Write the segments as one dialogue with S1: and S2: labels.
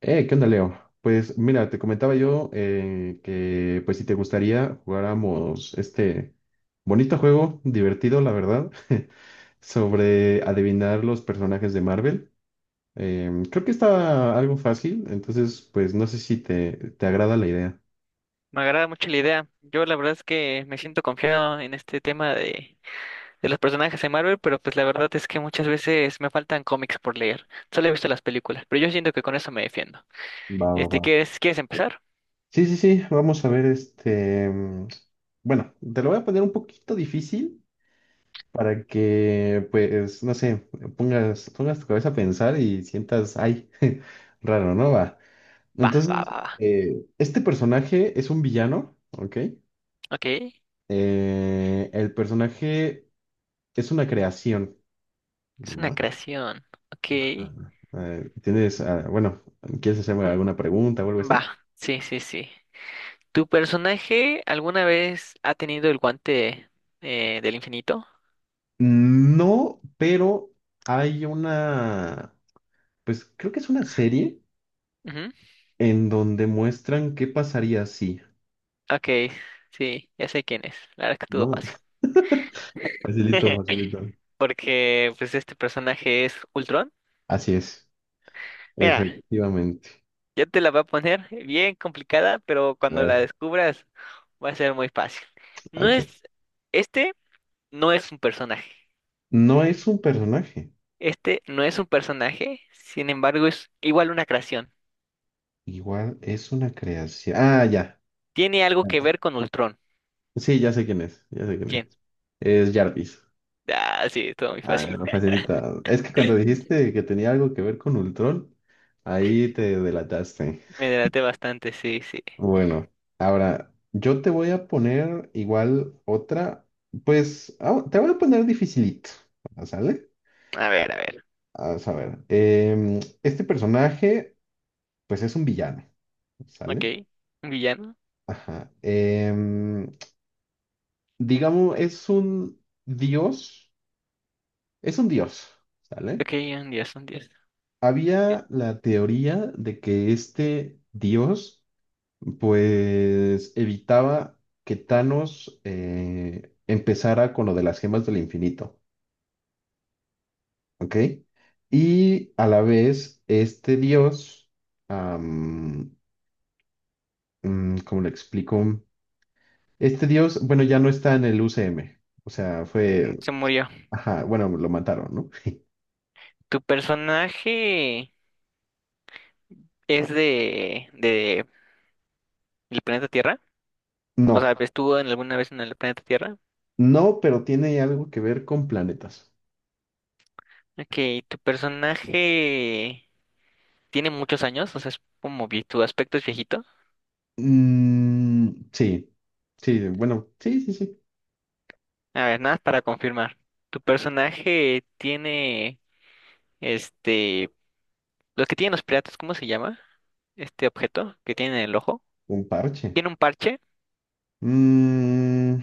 S1: ¿Qué onda, Leo? Pues mira, te comentaba yo que pues si te gustaría jugáramos este bonito juego, divertido, la verdad, sobre adivinar los personajes de Marvel. Creo que está algo fácil, entonces pues no sé si te agrada la idea.
S2: Me agrada mucho la idea. Yo la verdad es que me siento confiado en este tema de los personajes de Marvel, pero pues la verdad es que muchas veces me faltan cómics por leer. Solo he visto las películas, pero yo siento que con eso me defiendo.
S1: Va, va, va.
S2: ¿Quieres empezar?
S1: Sí, sí, sí, vamos a ver bueno, te lo voy a poner un poquito difícil para que, pues, no sé, pongas tu cabeza a pensar y sientas, ay, raro, ¿no? Va.
S2: Va, va,
S1: Entonces,
S2: va, va.
S1: este personaje es un villano, ¿ok?
S2: Ok. Es
S1: El personaje es una creación,
S2: una
S1: ¿va?
S2: creación. Ok.
S1: Ajá. Bueno, ¿quieres hacerme
S2: Un-
S1: alguna pregunta o algo
S2: Va.
S1: así?
S2: Sí, sí, sí. ¿Tu personaje alguna vez ha tenido el guante del infinito?
S1: No, pero hay una, pues creo que es una serie
S2: Ujú.
S1: en donde muestran qué pasaría si,
S2: Ok. Sí, ya sé quién es. La verdad es que estuvo
S1: ¿no?
S2: fácil.
S1: Facilito, facilito.
S2: Porque pues este personaje es Ultron.
S1: Así es,
S2: Mira,
S1: efectivamente.
S2: ya te la va a poner bien complicada, pero
S1: A
S2: cuando la
S1: ver,
S2: descubras va a ser muy fácil. No
S1: ok.
S2: es, este no es un personaje.
S1: No es un personaje,
S2: Este no es un personaje, sin embargo es igual una creación.
S1: igual es una creación. Ah, ya.
S2: Tiene algo que ver con Ultron.
S1: Sí, ya sé quién es, ya sé quién es.
S2: ¿Quién?
S1: Es Jarvis.
S2: Ah, sí, todo muy
S1: Ah,
S2: fácil.
S1: no, facilita. Es que cuando dijiste que tenía algo que ver con Ultron, ahí te delataste.
S2: Me delaté bastante, sí, sí.
S1: Bueno, ahora yo te voy a poner igual otra, pues te voy a poner dificilito, ¿sale?
S2: A ver, a ver.
S1: A saber, este personaje pues es un villano,
S2: Ok,
S1: ¿sale?
S2: un villano.
S1: Ajá. Em, digamos, es un dios, ¿sale?
S2: Ok, un dios, un dios.
S1: Había la teoría de que este dios, pues, evitaba que Thanos empezara con lo de las gemas del infinito, ¿ok? Y a la vez, este dios, am, ¿cómo le explico? Este dios, bueno, ya no está en el UCM, o sea,
S2: Mm,
S1: fue.
S2: se murió.
S1: Ajá, bueno, lo mataron, ¿no?
S2: ¿Tu personaje es de el planeta Tierra? O
S1: No,
S2: sea, ¿estuvo en alguna vez en el planeta Tierra?
S1: no, pero tiene algo que ver con planetas.
S2: Ok, ¿tu personaje tiene muchos años? O sea, es como tu aspecto es viejito.
S1: Mm, sí, sí, bueno, sí, sí, sí,
S2: A ver, nada más para confirmar. ¿Tu personaje tiene este, los que tienen los piratas? ¿Cómo se llama? Este objeto que tiene en el ojo.
S1: un parche.
S2: ¿Tiene un parche?
S1: Mm,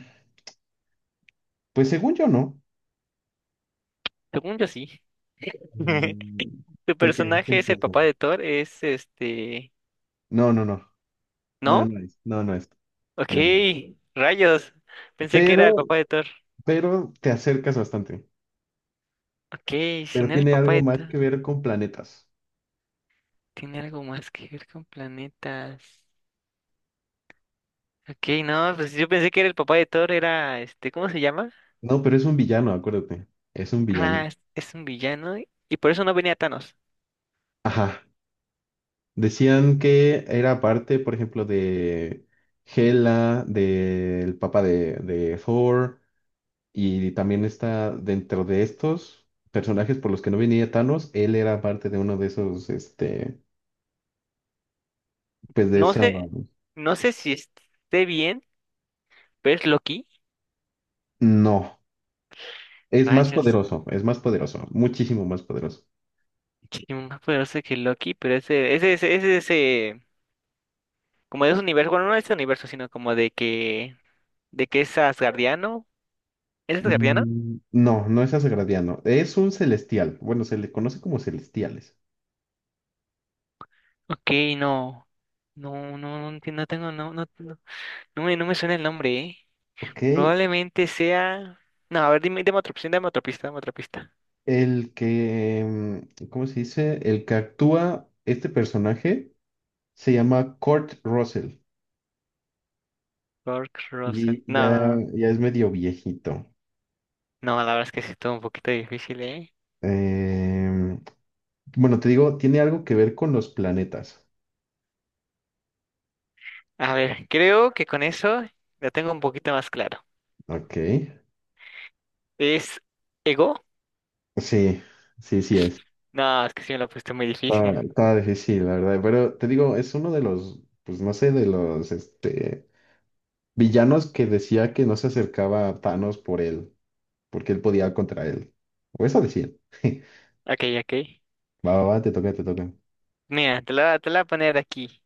S1: pues según yo no.
S2: Según yo sí.
S1: Mm,
S2: ¿Tu
S1: porque, ¿qué
S2: personaje es el
S1: empieza?
S2: papá de Thor? Es este...
S1: No, no, no,
S2: ¿No?
S1: no es,
S2: Ok,
S1: no, no es.
S2: rayos. Pensé que
S1: Pero,
S2: era el papá de Thor.
S1: pero te acercas bastante.
S2: Ok, si
S1: Pero
S2: no era el
S1: tiene
S2: papá
S1: algo
S2: de
S1: más
S2: Thor,
S1: que ver con planetas.
S2: tiene algo más que ver con planetas. Ok, no, pues yo pensé que era el papá de Thor, era este, ¿cómo se llama?
S1: No, pero es un villano, acuérdate. Es un villano.
S2: Ah, es un villano y por eso no venía Thanos.
S1: Ajá. Decían que era parte, por ejemplo, de Hela, del Papa de Thor, y también está dentro de estos personajes por los que no venía Thanos, él era parte de uno de esos, este, pues de
S2: No
S1: esa...
S2: sé, no sé si esté bien, pero es Loki.
S1: No,
S2: Rayos,
S1: es más poderoso, muchísimo más poderoso.
S2: que es más poderoso que Loki, pero ese como de ese universo, bueno, no de ese universo, sino como de que es asgardiano. ¿Es asgardiano?
S1: Mm, no, no es Asgardiano, es un celestial, bueno, se le conoce como celestiales,
S2: Ok, no, no, no, no, no tengo, no, no, no, no me suena el nombre, ¿eh?
S1: ¿ok?
S2: Probablemente sea, no, a ver, dime, dame otra opción, dame otra pista, dame otra pista.
S1: El que, mm, ¿cómo se dice? El que actúa este personaje se llama Kurt Russell
S2: Kurt Russell,
S1: y ya,
S2: no,
S1: ya es medio viejito.
S2: no, la verdad es que sí estuvo un poquito difícil, ¿eh?
S1: Em, bueno, te digo, tiene algo que ver con los planetas.
S2: A ver, creo que con eso la tengo un poquito más claro.
S1: Ok.
S2: ¿Es Ego?
S1: Sí, sí, sí es.
S2: No, es que sí me lo pusiste muy difícil.
S1: Está, está difícil, la verdad. Pero te digo, es uno de los, pues no sé, de los este, villanos que decía que no se acercaba a Thanos por él, porque él podía contra él. O eso decía.
S2: Ok, ok.
S1: Va, va, va, te toca, te toca.
S2: Mira, te la voy a poner aquí.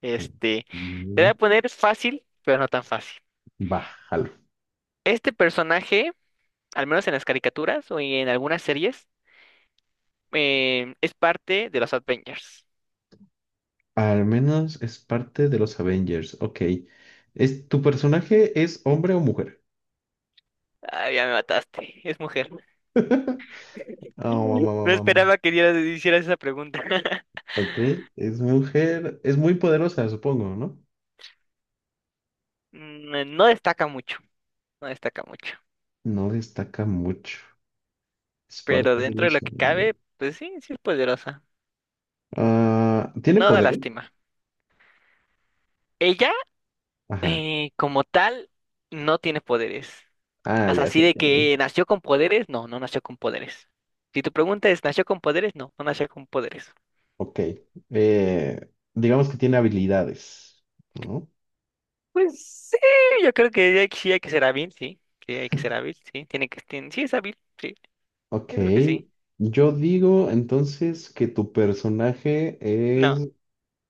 S2: Este, le voy
S1: Mm,
S2: a poner fácil, pero no tan fácil.
S1: bájalo.
S2: Este personaje, al menos en las caricaturas o en algunas series, es parte de los Avengers.
S1: Al menos es parte de los Avengers. Ok. ¿Es, tu personaje es hombre o mujer?
S2: Ah, ya me mataste, es mujer.
S1: Ah, mam, mam,
S2: No
S1: mam.
S2: esperaba que hicieras esa pregunta.
S1: Ok. Es mujer. Es muy poderosa, supongo, ¿no?
S2: Mm, no destaca mucho, no destaca mucho.
S1: No destaca mucho. Es
S2: Pero
S1: parte de
S2: dentro de lo
S1: los
S2: que
S1: Avengers.
S2: cabe, pues sí, sí es poderosa.
S1: Ah, ¿tiene
S2: No da
S1: poderes?
S2: lástima. Ella,
S1: Ajá.
S2: como tal, no tiene poderes.
S1: Ah,
S2: O sea,
S1: ya
S2: así
S1: sé
S2: de
S1: quién es.
S2: que nació con poderes, no, no nació con poderes. Si tu pregunta es, ¿nació con poderes? No, no nació con poderes.
S1: Ok. Eh, digamos que tiene habilidades, ¿no?
S2: Pues sí, yo creo que sí hay que ser hábil, sí. Sí, hay que ser hábil, sí. Tiene que, sí es hábil, sí.
S1: Ok.
S2: Yo creo que sí.
S1: Yo digo entonces que tu personaje
S2: No,
S1: es.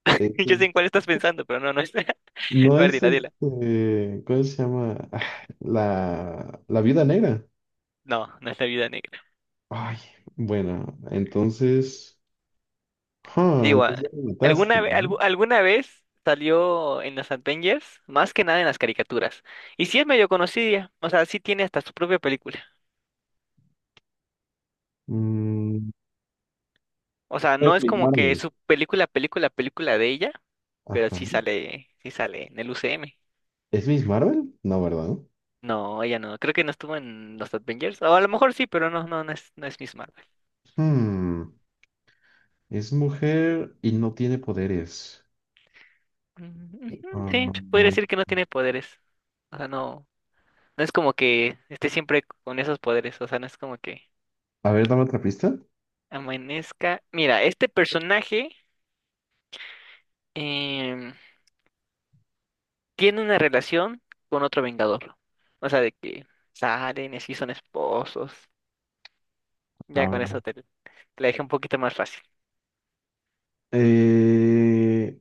S1: Eh,
S2: yo sé en cuál estás pensando, pero no, no es. A
S1: No
S2: ver,
S1: es
S2: dila, dila.
S1: este, ¿cómo se llama? Ah, la viuda negra.
S2: No, no es la vida negra.
S1: Ay, bueno, entonces,
S2: Te
S1: ah,
S2: digo, ah,
S1: entonces ya me mataste, ¿no?
S2: alguna vez salió en los Avengers, más que nada en las caricaturas. Y sí es medio conocida, o sea, sí tiene hasta su propia película.
S1: Mm,
S2: O sea, no
S1: es
S2: es
S1: Miss
S2: como que
S1: Marvel.
S2: su película, película, película de ella, pero
S1: Ajá.
S2: sí sale en el UCM.
S1: ¿Es Miss Marvel? No, ¿verdad?
S2: No, ella no. Creo que no estuvo en los Avengers. O a lo mejor sí, pero no, no, no es, no es Miss Marvel.
S1: Hmm, es mujer y no tiene poderes.
S2: Mm, ujú,
S1: Ah,
S2: sí, se podría decir que no tiene poderes. O sea, no, no es como que esté siempre con esos poderes. O sea, no es como que
S1: a ver, dame otra pista.
S2: amanezca. Mira, este personaje em, tiene una relación con otro Vengador. O sea, de que salen y así son esposos. Ya con eso
S1: Cabrón.
S2: te la dejé un poquito más fácil.
S1: Eh,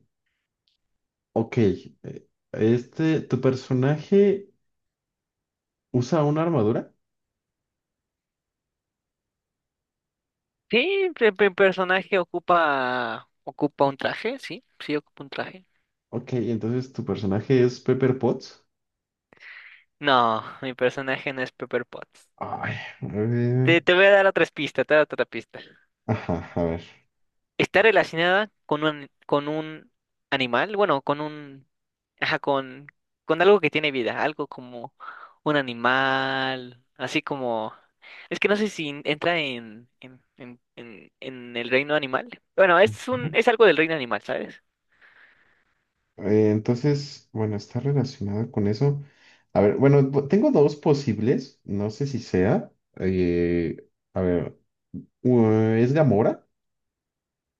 S1: ok. ¿Tu personaje usa una armadura?
S2: Sí, el personaje ocupa un traje, sí, sí ocupa un traje.
S1: Ok, entonces tu personaje es Pepper Potts.
S2: No, mi personaje no es Pepper Potts.
S1: Ay, eh,
S2: Te voy a dar otras pistas, te voy a dar otra pista.
S1: ajá, a ver.
S2: Está relacionada con un animal, bueno, con un ajá, con algo que tiene vida, algo como un animal, así como es que no sé si entra en en el reino animal. Bueno,
S1: Ujú.
S2: es algo del reino animal, ¿sabes?
S1: Entonces, bueno, está relacionado con eso. A ver, bueno, tengo dos posibles, no sé si sea. eh, a ver, ¿es Gamora?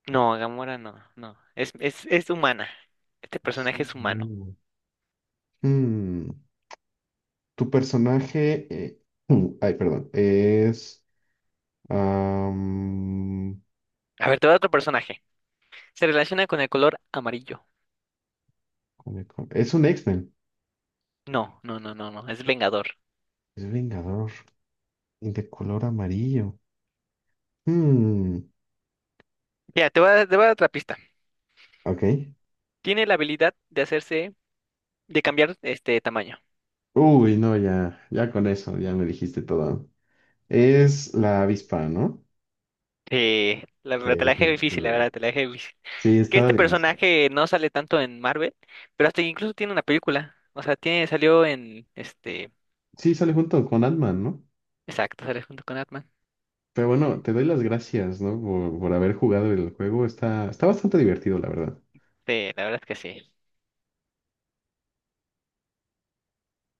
S2: No, Gamora no, no. Es humana. Este personaje
S1: Sí,
S2: es humano.
S1: no. Mm, tu personaje, ay, perdón, es, am,
S2: A ver, te voy a otro personaje. Se relaciona con el color amarillo.
S1: es un X-Men,
S2: No, no, no, no, no. Es Vengador.
S1: es Vengador y de color amarillo.
S2: Ya, te voy a dar otra pista.
S1: Ok.
S2: Tiene la habilidad de hacerse, de cambiar este tamaño.
S1: Uy, no, ya, ya con eso, ya me dijiste todo. Es la avispa, ¿no?
S2: La verdad, te la dejé difícil, la
S1: Perfecto.
S2: verdad, te la dejé difícil.
S1: Sí,
S2: Que
S1: estaba
S2: este
S1: difícil.
S2: personaje no sale tanto en Marvel, pero hasta incluso tiene una película. O sea, tiene, salió en este.
S1: Sí, sale junto con Ant-Man, ¿no?
S2: Exacto, sale junto con Atman.
S1: Pero bueno, te doy las gracias, ¿no? Por haber jugado el juego. Está, está bastante divertido, la verdad.
S2: Sí, la verdad es que sí.